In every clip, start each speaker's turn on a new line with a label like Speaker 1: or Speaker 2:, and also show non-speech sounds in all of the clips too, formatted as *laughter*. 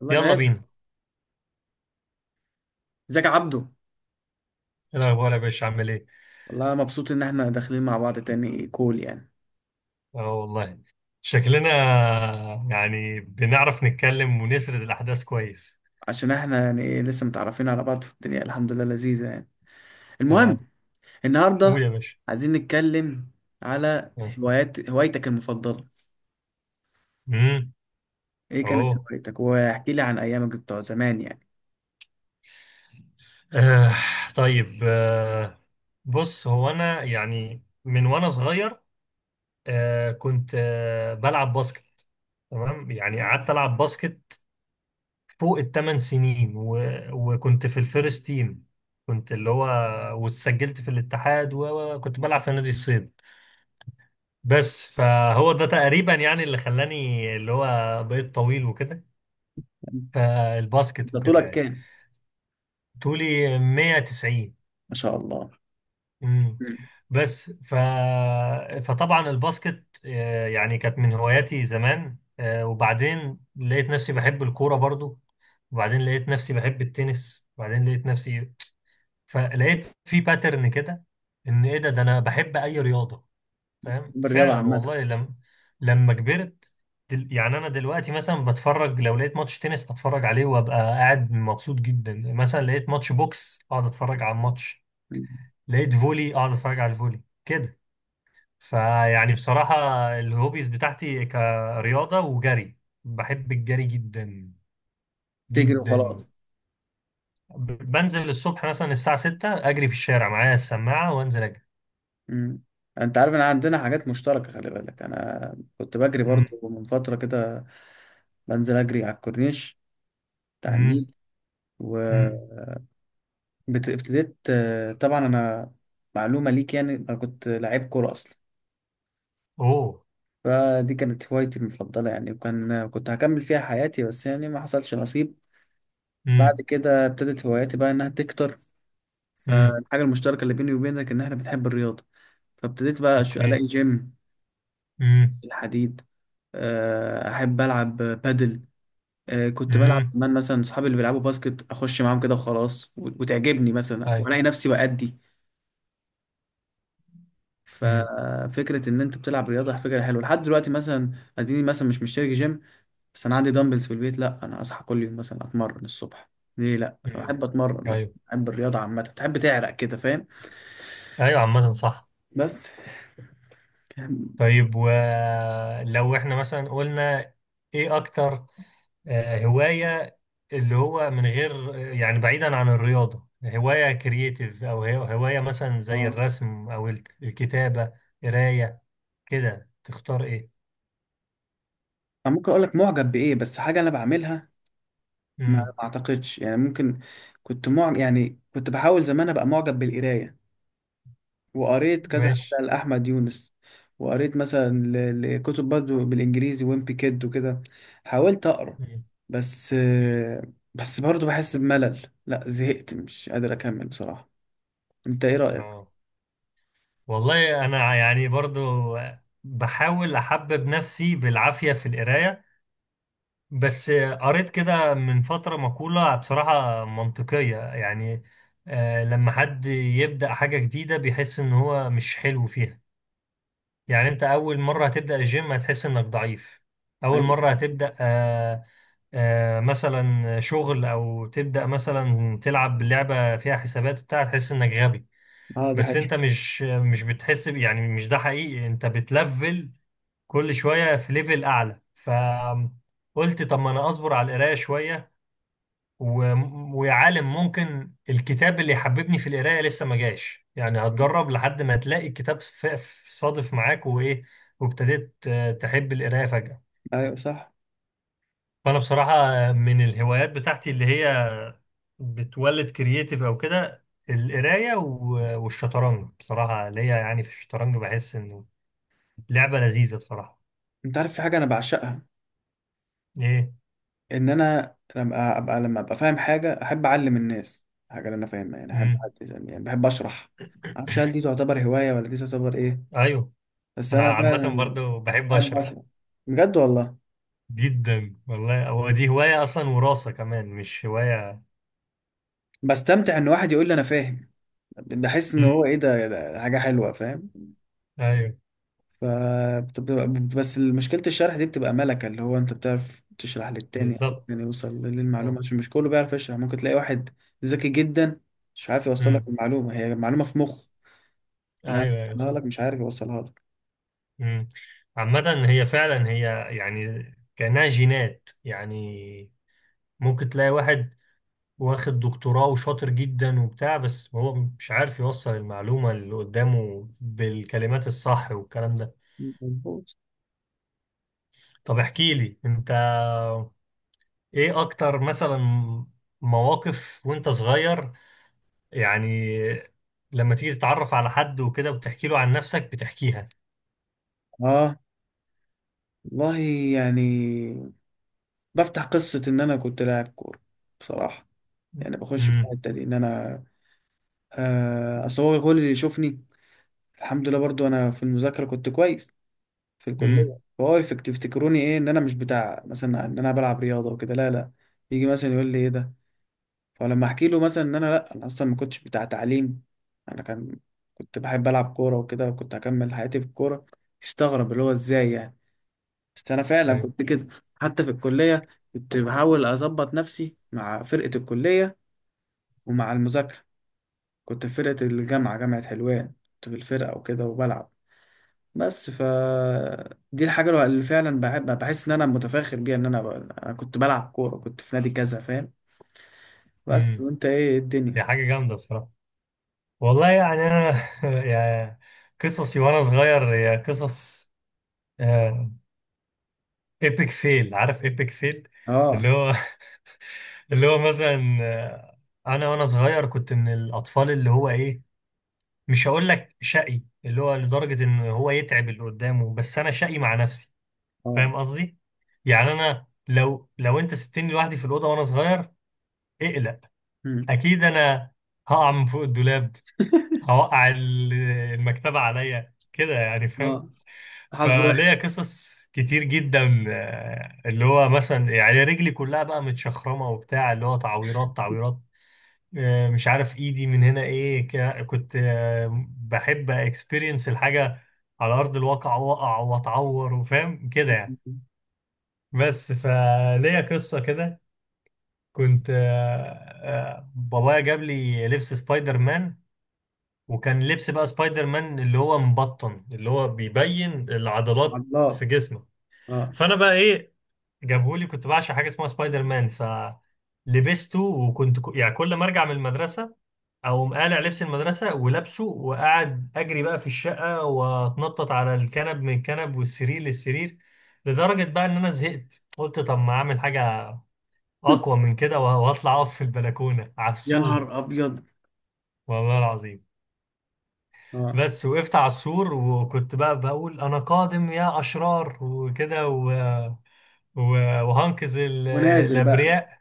Speaker 1: والله
Speaker 2: يلا
Speaker 1: جاهز.
Speaker 2: بينا.
Speaker 1: ازيك يا عبدو؟
Speaker 2: ايه الاخبار يا باشا، عامل ايه؟
Speaker 1: والله مبسوط ان احنا داخلين مع بعض تاني كول يعني.
Speaker 2: اه والله شكلنا يعني بنعرف نتكلم ونسرد الاحداث كويس.
Speaker 1: عشان احنا يعني ايه لسه متعرفين على بعض، في الدنيا الحمد لله لذيذة يعني. المهم،
Speaker 2: اه قول
Speaker 1: النهاردة
Speaker 2: يا باشا.
Speaker 1: عايزين نتكلم على
Speaker 2: اه
Speaker 1: هوايتك المفضلة.
Speaker 2: امم
Speaker 1: ايه
Speaker 2: اوه
Speaker 1: كانت هوايتك، واحكي لي عن ايامك بتوع زمان يعني.
Speaker 2: آه. طيب آه. بص، هو انا يعني من وانا صغير، كنت بلعب باسكت. تمام، يعني قعدت العب باسكت فوق الثمان سنين وكنت في الفيرست تيم. كنت اللي هو واتسجلت في الاتحاد وكنت بلعب في نادي الصيد. بس فهو ده تقريبا يعني اللي خلاني اللي هو بقيت طويل وكده، فالباسكت
Speaker 1: انت
Speaker 2: وكده
Speaker 1: طولك
Speaker 2: يعني.
Speaker 1: كام؟
Speaker 2: طولي 190.
Speaker 1: ما شاء الله.
Speaker 2: امم
Speaker 1: مم.
Speaker 2: بس ف فطبعا الباسكت يعني كانت من هواياتي زمان، وبعدين لقيت نفسي بحب الكورة برضو، وبعدين لقيت نفسي بحب التنس، وبعدين لقيت نفسي، فلقيت في باترن كده، ان ايه، ده انا بحب اي رياضة، فاهم؟
Speaker 1: بالرياضة
Speaker 2: فعلا
Speaker 1: عامة.
Speaker 2: والله لم لما كبرت، يعني انا دلوقتي مثلا بتفرج، لو لقيت ماتش تنس اتفرج عليه وابقى قاعد مبسوط جدا، مثلا لقيت ماتش بوكس اقعد اتفرج على الماتش،
Speaker 1: مم.
Speaker 2: لقيت فولي اقعد اتفرج على الفولي كده. فيعني بصراحة الهوبيز بتاعتي كرياضة وجري. بحب الجري جدا
Speaker 1: تجري
Speaker 2: جدا.
Speaker 1: وخلاص؟
Speaker 2: بنزل الصبح مثلا الساعة 6 اجري في الشارع، معايا السماعة وانزل اجري.
Speaker 1: مم. انت عارف ان عندنا حاجات مشتركة؟ خلي بالك، انا كنت بجري
Speaker 2: مم،
Speaker 1: برضو من فترة كده، بنزل اجري على الكورنيش بتاع النيل.
Speaker 2: مم، مم.
Speaker 1: وابتديت، طبعا انا معلومة ليك يعني، انا كنت لعيب كورة اصلا.
Speaker 2: اوه
Speaker 1: فدي كانت هوايتي المفضلة يعني، وكان كنت هكمل فيها حياتي، بس يعني ما حصلش نصيب. بعد
Speaker 2: امم
Speaker 1: كده ابتدت هواياتي بقى انها تكتر.
Speaker 2: امم
Speaker 1: فالحاجة المشتركة اللي بيني وبينك ان احنا بنحب الرياضة. فابتديت بقى
Speaker 2: اوكي
Speaker 1: الاقي جيم،
Speaker 2: امم
Speaker 1: الحديد. احب العب بادل. كنت بلعب
Speaker 2: امم
Speaker 1: كمان مثلا اصحابي اللي بيلعبوا باسكت، اخش معاهم كده وخلاص وتعجبني مثلا
Speaker 2: ايوه.
Speaker 1: والاقي نفسي بأدي.
Speaker 2: امم
Speaker 1: ففكره ان انت بتلعب رياضه فكره حلوه لحد دلوقتي. مثلا اديني مثلا مش مشترك جيم، بس انا عندي دمبلز في البيت. لا، انا اصحى كل يوم مثلا اتمرن الصبح. ليه لا؟
Speaker 2: امم
Speaker 1: بحب اتمرن مثلا،
Speaker 2: ايوه،
Speaker 1: بحب الرياضه عامه، بتحب تعرق كده فاهم.
Speaker 2: ايوه عامة صح.
Speaker 1: بس.
Speaker 2: طيب، ولو احنا مثلا قلنا ايه اكتر هواية، اللي هو من غير يعني بعيدا عن الرياضة، هواية كرييتيف، او هواية مثلا زي
Speaker 1: اه.
Speaker 2: الرسم، او الكتابة، قراية كده، تختار ايه؟
Speaker 1: أنا ممكن اقول لك معجب بايه، بس حاجه انا بعملها ما
Speaker 2: امم
Speaker 1: ما اعتقدش يعني. ممكن كنت معجب، يعني كنت بحاول زمان ابقى معجب بالقرايه. وقريت كذا
Speaker 2: ماشي.
Speaker 1: حاجة لأحمد يونس. وقريت مثلا لكتب برضه بالإنجليزي، ويمبي كيد وكده. حاولت أقرأ
Speaker 2: مم.
Speaker 1: بس
Speaker 2: مم.
Speaker 1: بس برضه بحس بملل، لا زهقت مش قادر أكمل بصراحة. أنت إيه رأيك؟
Speaker 2: اه والله انا يعني برضو بحاول احبب نفسي بالعافية في القراية، بس قريت كده من فترة مقولة بصراحة منطقية يعني، لما حد يبدأ حاجة جديدة بيحس إن هو مش حلو فيها. يعني أنت أول مرة هتبدأ الجيم هتحس إنك ضعيف، أول
Speaker 1: حقيقي.
Speaker 2: مرة هتبدأ مثلا شغل، أو تبدأ مثلا تلعب لعبة فيها حسابات وبتاع تحس إنك غبي.
Speaker 1: اه ده
Speaker 2: بس
Speaker 1: حقيقي.
Speaker 2: أنت مش يعني مش ده حقيقي، أنت بتلفل كل شوية في ليفل أعلى. قلت طب ما انا اصبر على القرايه شويه و... ويا عالم، ممكن الكتاب اللي يحببني في القراية لسه ما جاش، يعني هتجرب لحد ما تلاقي الكتاب صادف معاك وإيه، وابتديت تحب القراية فجأة.
Speaker 1: أيوه صح.
Speaker 2: فأنا بصراحة من الهوايات بتاعتي اللي هي بتولد كرييتيف أو كده القراية والشطرنج. بصراحة ليا يعني في الشطرنج بحس إنه لعبة لذيذة بصراحة.
Speaker 1: أنت عارف في حاجة أنا بعشقها؟
Speaker 2: إيه؟
Speaker 1: إن أنا لما أبقى، لما أبقى فاهم حاجة، أحب أعلم الناس الحاجة اللي أنا فاهمها. يعني أحب
Speaker 2: مم.
Speaker 1: يعني بحب أشرح. معرفش هل دي تعتبر هواية ولا دي تعتبر إيه،
Speaker 2: أيوه.
Speaker 1: بس
Speaker 2: أنا
Speaker 1: أنا
Speaker 2: عامة
Speaker 1: فعلا
Speaker 2: برضو بحب
Speaker 1: أحب
Speaker 2: أشرح.
Speaker 1: أشرح، بجد والله.
Speaker 2: جدا والله، هو دي هواية أصلا، وراثة كمان مش هواية.
Speaker 1: بستمتع ان واحد يقول لي انا فاهم. بحس ان
Speaker 2: مم.
Speaker 1: هو ايه ده، ده حاجه حلوه فاهم.
Speaker 2: أيوه
Speaker 1: ف بس مشكله الشرح دي بتبقى ملكه، اللي هو انت بتعرف تشرح للتاني او
Speaker 2: بالظبط.
Speaker 1: التاني يوصل للمعلومه،
Speaker 2: أه.
Speaker 1: عشان مش كله بيعرف يشرح. ممكن تلاقي واحد ذكي جدا مش عارف يوصل لك
Speaker 2: مم.
Speaker 1: المعلومه. هي معلومه في مخ انا
Speaker 2: أيوه أيوه
Speaker 1: يوصلها
Speaker 2: صح.
Speaker 1: لك، مش عارف يوصلها لك.
Speaker 2: مم. عامة هي فعلا هي يعني كأنها جينات يعني. ممكن تلاقي واحد واخد دكتوراه وشاطر جدا وبتاع، بس هو مش عارف يوصل المعلومة اللي قدامه بالكلمات الصح والكلام ده.
Speaker 1: مظبوط.
Speaker 2: طب احكي لي أنت، إيه أكتر مثلا مواقف وأنت صغير، يعني لما تيجي تتعرف على حد وكده وتحكي له عن نفسك بتحكيها؟
Speaker 1: اه والله، يعني بفتح قصة إن أنا كنت لاعب كورة بصراحة. يعني بخش في
Speaker 2: امم
Speaker 1: الحتة دي، إن أنا آه أصور كل اللي يشوفني. الحمد لله برضو انا في المذاكره كنت كويس، في الكليه.
Speaker 2: امم
Speaker 1: فهو تفتكروني ايه، ان انا مش بتاع مثلا، ان انا بلعب رياضه وكده، لا لا. يجي مثلا يقول لي ايه ده، فلما احكي له مثلا ان انا لا، انا اصلا ما كنتش بتاع تعليم، انا كان كنت بحب العب كوره وكده، وكنت هكمل حياتي في الكوره، يستغرب اللي هو ازاي يعني. بس انا فعلا
Speaker 2: ايوه
Speaker 1: كنت كده. حتى في الكليه كنت بحاول اظبط نفسي مع فرقه الكليه ومع المذاكره. كنت في فرقه الجامعه، جامعه حلوان، كنت في الفرقه وكده وبلعب. بس ف دي الحاجة اللي فعلا بحس ان انا متفاخر بيها، ان انا ب... أنا كنت بلعب كورة، كنت في نادي كذا فاهم. بس
Speaker 2: امم
Speaker 1: وانت ايه الدنيا؟
Speaker 2: دي حاجه جامده بصراحه. والله يعني انا *laughs* يا قصصي وانا صغير يا قصص. ايبك فيل، عارف ايبك فيل؟
Speaker 1: اه.
Speaker 2: اللي هو *laughs* اللي هو مثلا انا وانا صغير كنت من الاطفال اللي هو ايه، مش هقول لك شقي اللي هو لدرجه ان هو يتعب اللي قدامه، بس انا شقي مع نفسي،
Speaker 1: اه.
Speaker 2: فاهم قصدي؟ يعني انا لو انت سبتني لوحدي في الاوضه وانا صغير، اقلق،
Speaker 1: مم.
Speaker 2: اكيد انا هقع من فوق الدولاب، هوقع ال- المكتبه عليا كده، يعني
Speaker 1: اه.
Speaker 2: فاهم؟
Speaker 1: حظ وحش.
Speaker 2: فليا قصص كتير جدا اللي هو مثلا يعني رجلي كلها بقى متشخرمه وبتاع، اللي هو تعويرات تعويرات، مش عارف ايدي من هنا ايه، كنت بحب اكسبيرينس الحاجه على ارض الواقع، واقع واتعور وفاهم كده يعني.
Speaker 1: *laughs*
Speaker 2: بس فليا قصة كده، كنت بابايا جاب لي لبس سبايدر مان، وكان لبس بقى سبايدر مان اللي هو مبطن، اللي هو بيبين العضلات في
Speaker 1: عضلات.
Speaker 2: جسمه.
Speaker 1: اه.
Speaker 2: فأنا بقى إيه، جابهولي، كنت بعشق حاجة اسمها سبايدر مان، فلبسته، وكنت يعني كل ما أرجع من المدرسة أقوم قالع لبس المدرسة ولابسه، وقاعد أجري بقى في الشقة وأتنطط على الكنب، من الكنب والسرير للسرير، لدرجة بقى إن أنا زهقت قلت طب ما أعمل حاجة اقوى من كده واطلع اقف في البلكونه على
Speaker 1: يا
Speaker 2: السور.
Speaker 1: نهار ابيض.
Speaker 2: والله العظيم،
Speaker 1: اه.
Speaker 2: بس وقفت على السور وكنت بقى بقول انا قادم يا اشرار وكده وهنقذ
Speaker 1: ونازل بقى.
Speaker 2: الابرياء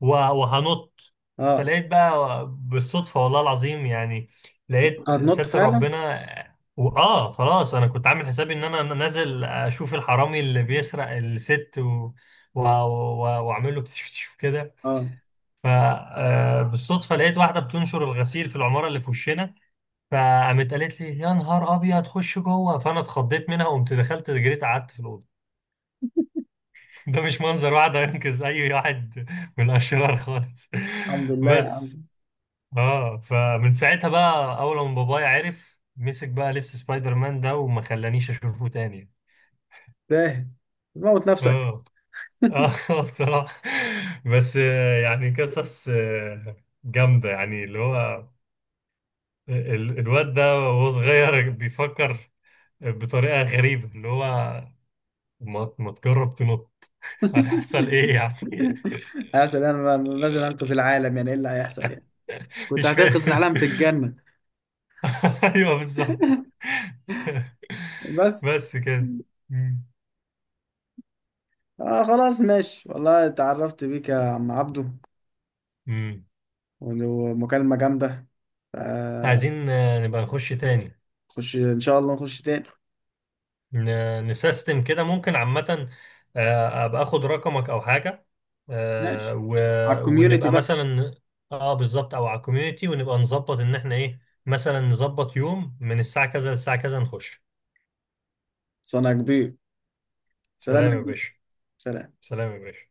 Speaker 2: وهنط.
Speaker 1: اه.
Speaker 2: فلقيت بقى بالصدفه، والله العظيم يعني لقيت
Speaker 1: هتنط
Speaker 2: ستر
Speaker 1: فعلا.
Speaker 2: ربنا، واه خلاص انا كنت عامل حسابي ان انا نازل اشوف الحرامي اللي بيسرق الست و... و... واعمل له *laughs* كده.
Speaker 1: اه.
Speaker 2: فبالصدفة لقيت واحدة بتنشر الغسيل في العمارة اللي في وشنا، فقامت قالت لي يا نهار أبيض، خش جوه. فأنا اتخضيت منها وقمت دخلت جريت قعدت في الأوضة. *laughs* ده مش منظر واحد هينقذ أي واحد من الأشرار خالص.
Speaker 1: الحمد
Speaker 2: *laughs*
Speaker 1: لله يا عم.
Speaker 2: بس. اه فمن ساعتها بقى، أول ما بابايا عرف مسك بقى لبس سبايدر مان ده وما خلانيش أشوفه تاني.
Speaker 1: تاهل. موت نفسك. *laughs*
Speaker 2: اه اه *laughs* بصراحة. بس يعني قصص جامدة يعني، اللي هو الواد ده وهو صغير بيفكر بطريقة غريبة، اللي هو ما تجرب تنط، هيحصل ايه يعني؟
Speaker 1: هسأل، انا نازل انقذ العالم، يعني ايه اللي هيحصل يعني؟
Speaker 2: *laughs*
Speaker 1: كنت
Speaker 2: مش
Speaker 1: هتنقذ
Speaker 2: فاهم.
Speaker 1: العالم في الجنة.
Speaker 2: *laughs* ايوه بالظبط. *laughs*
Speaker 1: بس.
Speaker 2: بس كده. مم.
Speaker 1: آه خلاص ماشي والله، اتعرفت بيك يا عم عبدو.
Speaker 2: مم.
Speaker 1: ومكالمة جامدة. آه،
Speaker 2: عايزين نبقى نخش تاني.
Speaker 1: خش إن شاء الله نخش تاني.
Speaker 2: نسيستم كده ممكن عامة، ابقى اخد رقمك او حاجة،
Speaker 1: ماشي، على الكوميونتي
Speaker 2: ونبقى
Speaker 1: بقى.
Speaker 2: مثلا، اه بالظبط، او على الكوميونتي، ونبقى نظبط ان احنا ايه، مثلا نظبط يوم من الساعة كذا للساعة كذا نخش.
Speaker 1: صنع كبير. سلام
Speaker 2: سلام
Speaker 1: يا
Speaker 2: يا
Speaker 1: كبير.
Speaker 2: باشا.
Speaker 1: سلام.
Speaker 2: سلام يا باشا.